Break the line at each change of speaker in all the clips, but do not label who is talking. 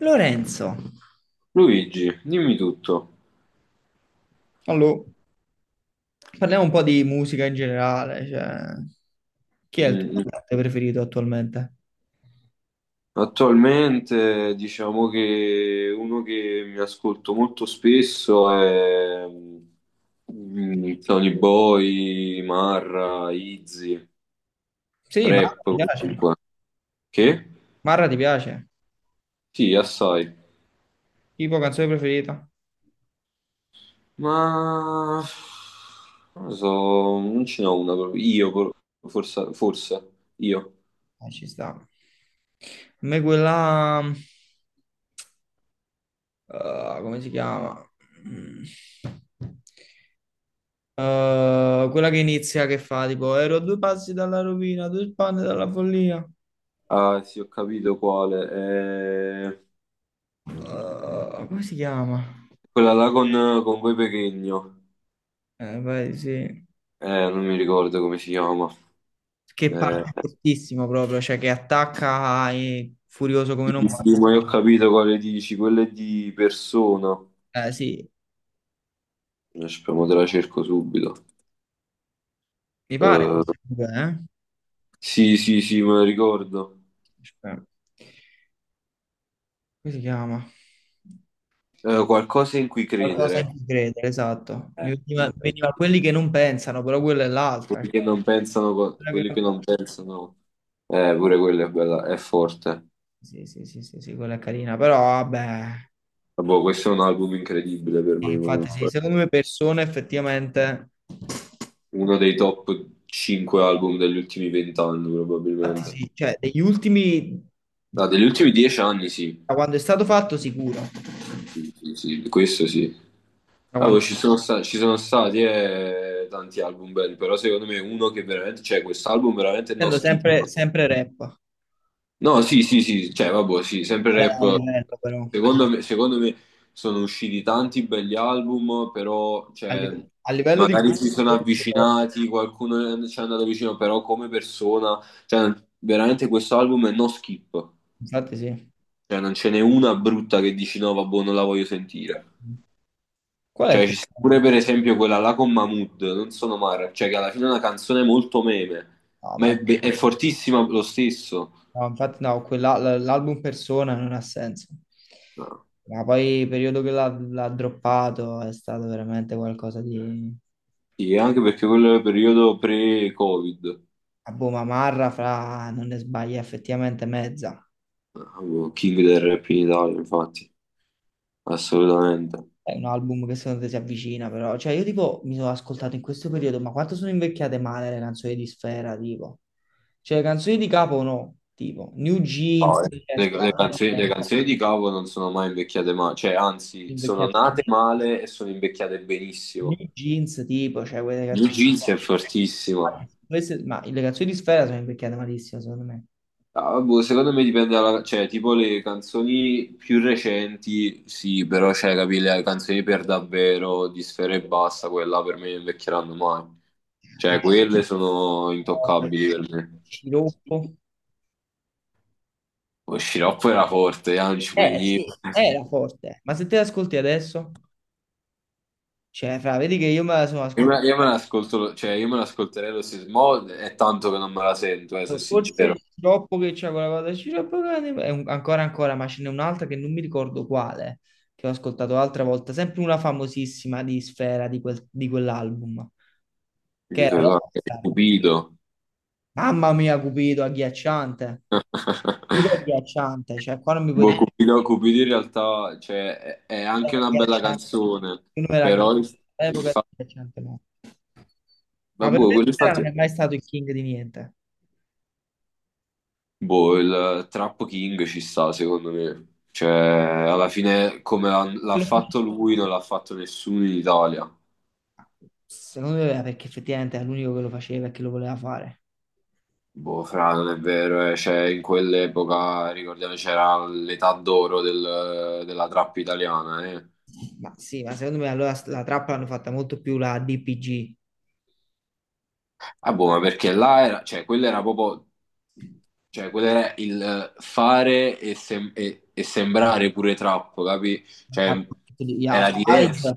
Lorenzo.
Luigi, dimmi tutto.
Allora, parliamo un po' di musica in generale, cioè, chi è il
Mm,
tuo
mm.
cantante preferito attualmente?
Attualmente diciamo che uno che mi ascolto molto spesso è Tony Boy, Marra, Izzy,
Sì, Marra
rap
ti piace.
comunque. Che?
Marra ti piace?
Sì, assai.
Tipo canzone preferita?
Ma non lo so, non ce n'ho una proprio. Io, forse, forse, io.
Ah, ci sta. Me quella... Come si chiama? Mm. Quella che inizia, che fa tipo ero a due passi dalla rovina, due spanne dalla follia.
Ah, sì, ho capito quale. È
Come si chiama?
quella là con Voi Pechegno.
Vai, sì.
Non mi ricordo come si chiama.
Che
Eh,
parte fortissimo proprio, cioè che attacca e furioso come non
sì,
muore.
sì, ma io ho capito quale dici, quella è di Persona.
Sì,
Speriamo te la cerco subito.
mi pare.
Eh,
Eh?
sì, sì, sì, me la ricordo.
Aspetta. Come si chiama?
Qualcosa in cui
Qualcosa
credere.
in cui credere, esatto. Mi
Sì,
veniva,
sì.
veniva quelli che non pensano, però quella è l'altra. Cioè,
Quelli che non pensano,
quella
quelli
che
che
non
non
pensa.
pensano. Pure quella è bella, è forte.
Sì, sì, sì, sì, sì, quella è carina, però vabbè.
Vabbè, questo è un album incredibile per
Sì,
me
infatti sì,
comunque.
secondo me persone effettivamente.
Uno dei top 5 album degli ultimi 20 anni
Infatti
probabilmente.
sì, cioè degli ultimi, da
Ah, degli ultimi 10 anni sì.
quando è stato fatto sicuro,
Sì, sì, questo sì.
da
Ah, poi
quando.
ci sono stati tanti album belli, però secondo me uno che veramente, cioè quest'album veramente non
Sento
schifo.
sempre, sempre rap.
No, sì, sì, sì, cioè vabbè, sì, sempre
Qual è il
rap.
livello, però?
Secondo me sono usciti tanti belli album, però cioè,
A livello di
magari si sono avvicinati, qualcuno ci è andato vicino, però come persona, cioè, veramente questo album è no skip.
infatti sì.
Cioè, non ce n'è una brutta che dici no, vabbè, non la voglio sentire.
Qual è il
Cioè, ci sta
problema?
pure per esempio quella là con Mahmood, non sono Mara, cioè che alla fine è una canzone molto meme,
No,
ma
ma
è fortissima lo stesso.
no, infatti no, l'album Persona non ha senso.
No.
Ma poi il periodo che l'ha droppato è stato veramente qualcosa di.
Sì, anche perché quello era il periodo pre-Covid.
A boh, ma Marra fra non ne sbaglia effettivamente mezza.
Avevo King del rap in Italia, infatti, assolutamente.
È un album che secondo te si avvicina, però. Cioè, io tipo mi sono ascoltato in questo periodo, ma quanto sono invecchiate male le canzoni di Sfera, tipo. Cioè, canzoni di Capo no, tipo New
No,
Jeans,
eh.
cioè,
Le, le
spaccano
canzoni, le
sempre,
canzoni di Cavo non sono mai invecchiate male, cioè anzi, sono
invecchiati.
nate male e sono invecchiate
New
benissimo.
Jeans, tipo, cioè, quelle
New
canzoni
Jeans
qua.
è fortissima.
Infatti, ma le canzoni di Sfera sono invecchiate malissimo, secondo me.
Ah, boh, secondo me dipende dalla. Cioè, tipo le canzoni più recenti, sì, però, cioè, capì, le canzoni per davvero di Sfera e Basta, quella per me non invecchieranno mai. Cioè,
Tipo,
quelle sono intoccabili per me.
Sciroppo.
Lo sciroppo era forte, non ci puoi
Eh
dire.
sì, era forte, ma se te le ascolti adesso, cioè, fra, vedi che io me la sono
Io me
ascoltata.
l'ascolto, cioè, io me l'ascolterei lo stesso, mo è tanto che non me la sento, sono
Forse
sincero.
dopo che c'è quella cosa, il Sciroppo Cane, ancora ancora, ma ce n'è un'altra che non mi ricordo quale, che ho ascoltato l'altra volta, sempre una famosissima di Sfera di, di quell'album, che
Dico,
era
guarda, è
Rockstar.
stupido.
Mamma mia, Cupido, agghiacciante. Cupido agghiacciante, cioè qua non mi puoi
Boh,
dire
Cupido, Cupido in realtà cioè, è
era
anche una bella
agghiacciante.
canzone,
Il numero era agghiacciante,
però il
all'epoca era
fatto,
agghiacciante, no. Ma per
boh,
me
quello
Sfera non è mai stato il king di niente.
boh, il Trap King ci sta secondo me, cioè alla fine come l'ha
Lo faceva-
fatto lui non l'ha fatto nessuno in Italia,
Secondo me era perché effettivamente era l'unico che lo faceva e che lo voleva fare.
boh, fra, non è vero, cioè in quell'epoca ricordiamo c'era l'età d'oro della trap italiana, eh.
Ma sì, ma secondo me allora la trappola l'hanno fatta molto più la DPG.
Ah, boh, ma perché là era, cioè, quello era proprio, cioè, quello era il fare e sembrare pure trap, capi? Cioè,
Yeah,
era
Side,
diverso.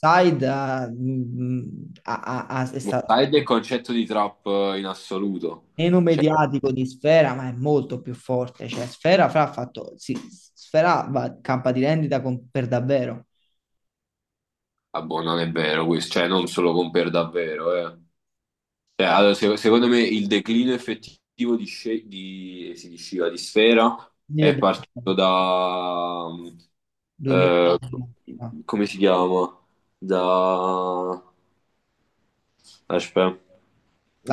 Side ah, mm, ha- ha- ha- è stato
Sai del concetto di trap in assoluto?
meno
Cioè,
mediatico di Sfera, ma è molto più forte. Cioè, Sfera fra ha fatto, sì, Sfera va, campa di rendita per davvero.
ah, boh, non è vero questo, cioè, non se lo compare davvero, eh. Cioè, allora, secondo me il declino effettivo di, sce- di, sì, di Sciva, di Sfera
Quindi
è
è
partito da.
2000.
Eh, Come si chiama? Da. Aspetta,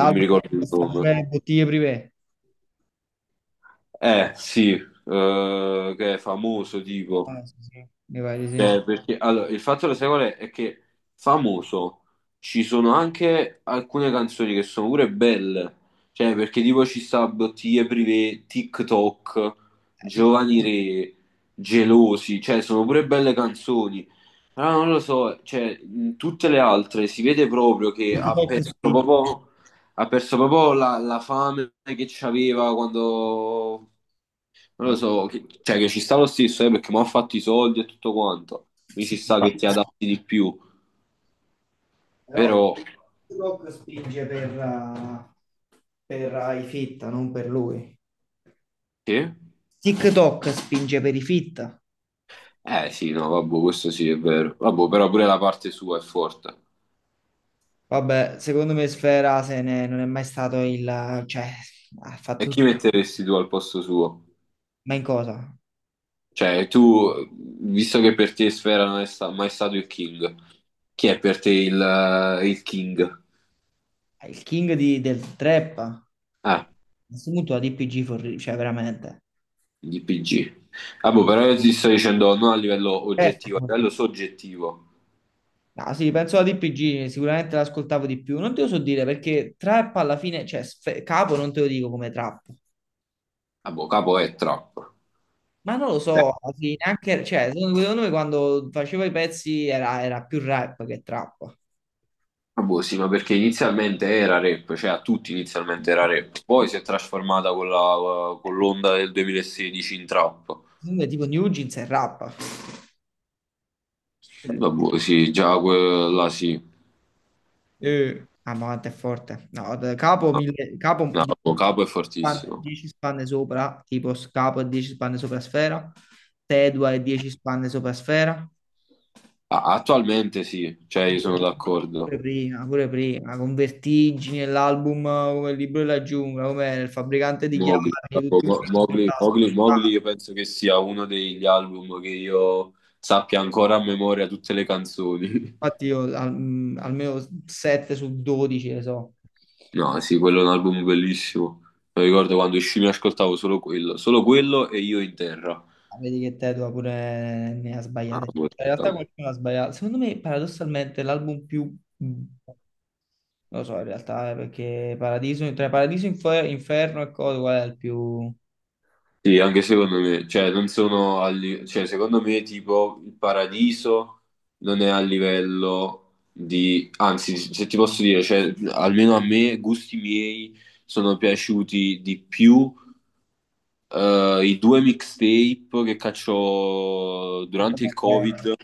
non mi ricordo
è
il
stato
nome.
pure bottiglie privé.
Sì, che è famoso, tipo.
Ah, sì, sì, mi pare di sì.
Cioè, perché, allora, il fatto lo sai qual è? È che famoso ci sono anche alcune canzoni che sono pure belle, cioè perché tipo ci sta Bottiglie Privé, TikTok,
Eh, ti-
Giovani Re, Gelosi, cioè sono pure belle canzoni, però non lo so, cioè in tutte le altre si vede proprio
Ti
che
tocca spingere.
ha perso proprio la fame che c'aveva quando non lo
Ah,
so, cioè che ci sta lo stesso, perché mi ha fatto i soldi e tutto quanto. Mi ci
sì.
sta che ti adatti di più,
Però
però.
TikTok spinge per i fitta, non per lui.
Sì?
TikTok spinge per i fitta.
Eh sì, no, vabbè, questo sì è vero. Vabbè, però pure la parte sua è forte.
Vabbè, secondo me Sfera se ne, non è mai stato il, cioè, ha
E
fatto.
chi metteresti tu al posto suo?
Ma in cosa?
Cioè, tu, visto che per te Sfera non è mai stato il King, chi è per te il King?
È il king del trap. A
Ah,
questo punto la DPG, cioè veramente.
il PG. Ah, boh, però io ti sto dicendo non a livello oggettivo, a
Certo.
livello soggettivo.
No, sì, penso alla DPG, sicuramente l'ascoltavo di più. Non te lo so dire perché trap alla fine, cioè Capo non te lo dico come trap.
Ah, boh, capo è trap.
Ma non lo so, alla fine, anche, cioè, secondo me quando facevo i pezzi era più rap che trap.
Ah, boh, sì, ma perché inizialmente era rap, cioè a tutti inizialmente era rap, poi si è trasformata con l'onda del 2016 in trap.
Secondo me tipo New Jeans è rap.
Vabbè, sì, già quella sì.
Ma quanto è forte. No, Capo, 1000, Capo
No,
10
no, Capo è
spanne
fortissimo.
10 spanne sopra, tipo Capo e 10 spanne sopra Sfera, Tedua e 10 spanne sopra Sfera.
Ah, attualmente sì, cioè
Ah,
io sono
pure
d'accordo.
prima, pure prima, con Vertigine, l'album come il libro della giungla, come il fabbricante di
Mowgli,
chiavi, tutti
Capo,
quelli che
Mowgli,
la
Mowgli, Mowgli
spaccavano.
io penso che sia uno degli album che io sappia ancora a memoria tutte le canzoni.
Infatti io almeno 7 su 12 le so.
No, sì, quello è un album bellissimo. Mi ricordo quando uscì mi ascoltavo solo quello e Io in terra.
Ah, vedi che Tedua pure ne ha
Ah,
sbagliate.
boh.
Cioè, in realtà qualcuno ha sbagliato. Secondo me, paradossalmente, l'album più, mm, non lo so, in realtà, perché Paradiso, tra Paradiso, Inferno e Code, qual è il più.
Sì, anche secondo me, cioè non sono cioè secondo me tipo il Paradiso non è a livello di, anzi se ti posso dire, cioè almeno a me, gusti miei, sono piaciuti di più i due mixtape che cacciò durante il
Eh,
Covid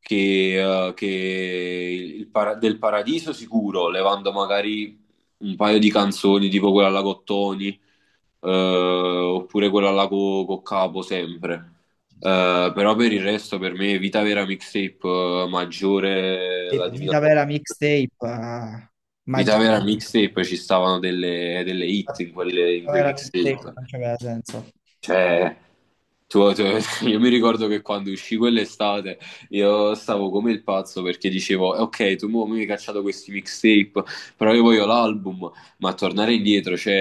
che del Paradiso sicuro, levando magari un paio di canzoni tipo quella alla Cottoni, oppure quella alla Coccapo sempre. Però per il resto per me Vita Vera Mixtape maggiore
e
la Divina
Vita
Commedia.
vera mixtape,
Vita
maggiore.
Vera Mixtape ci stavano delle hit in
No,
quei
era milkshake,
mixtape
non c'aveva senso.
cioè Tu- tu- io mi ricordo che quando uscì quell'estate io stavo come il pazzo perché dicevo, ok, tu mo mi hai cacciato questi mixtape, però io voglio l'album, ma tornare indietro, cioè,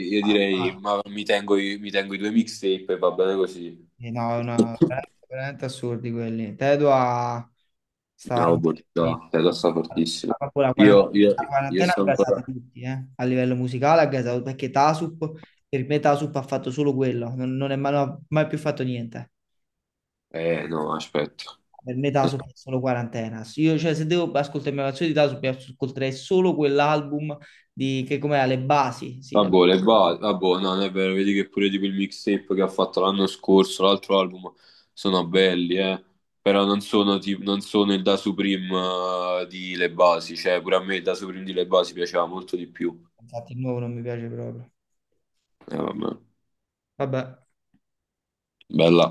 io direi, ma mi tengo, mi tengo i due mixtape e va bene così.
E no, è veramente, veramente assurdi quelli. Tedua sta
No,
in-
bontà, è sta fortissimo.
proprio
Io, io,
la
io
quarantena ha
sto
gasato
ancora.
tutti, eh. A livello musicale ha gasato, perché Tasup, per me Tasup ha fatto solo quello, non è mai, non ha mai più fatto niente.
No, aspetta.
Per me Tasup è solo quarantena. Io, cioè, se devo ascoltare una canzone di Tasup, io ascolterei solo quell'album di, che com'è? Le basi, sì,
Vabbè, vabbè, no, non è vero, vedi che pure di quel mixtape che ha fatto l'anno scorso, l'altro album, sono belli, eh. Però non sono il Da Supreme di Le Basi, cioè pure a me il Da Supreme di Le Basi piaceva molto di più.
infatti il nuovo non mi piace proprio.
Vabbè,
Vabbè.
bella.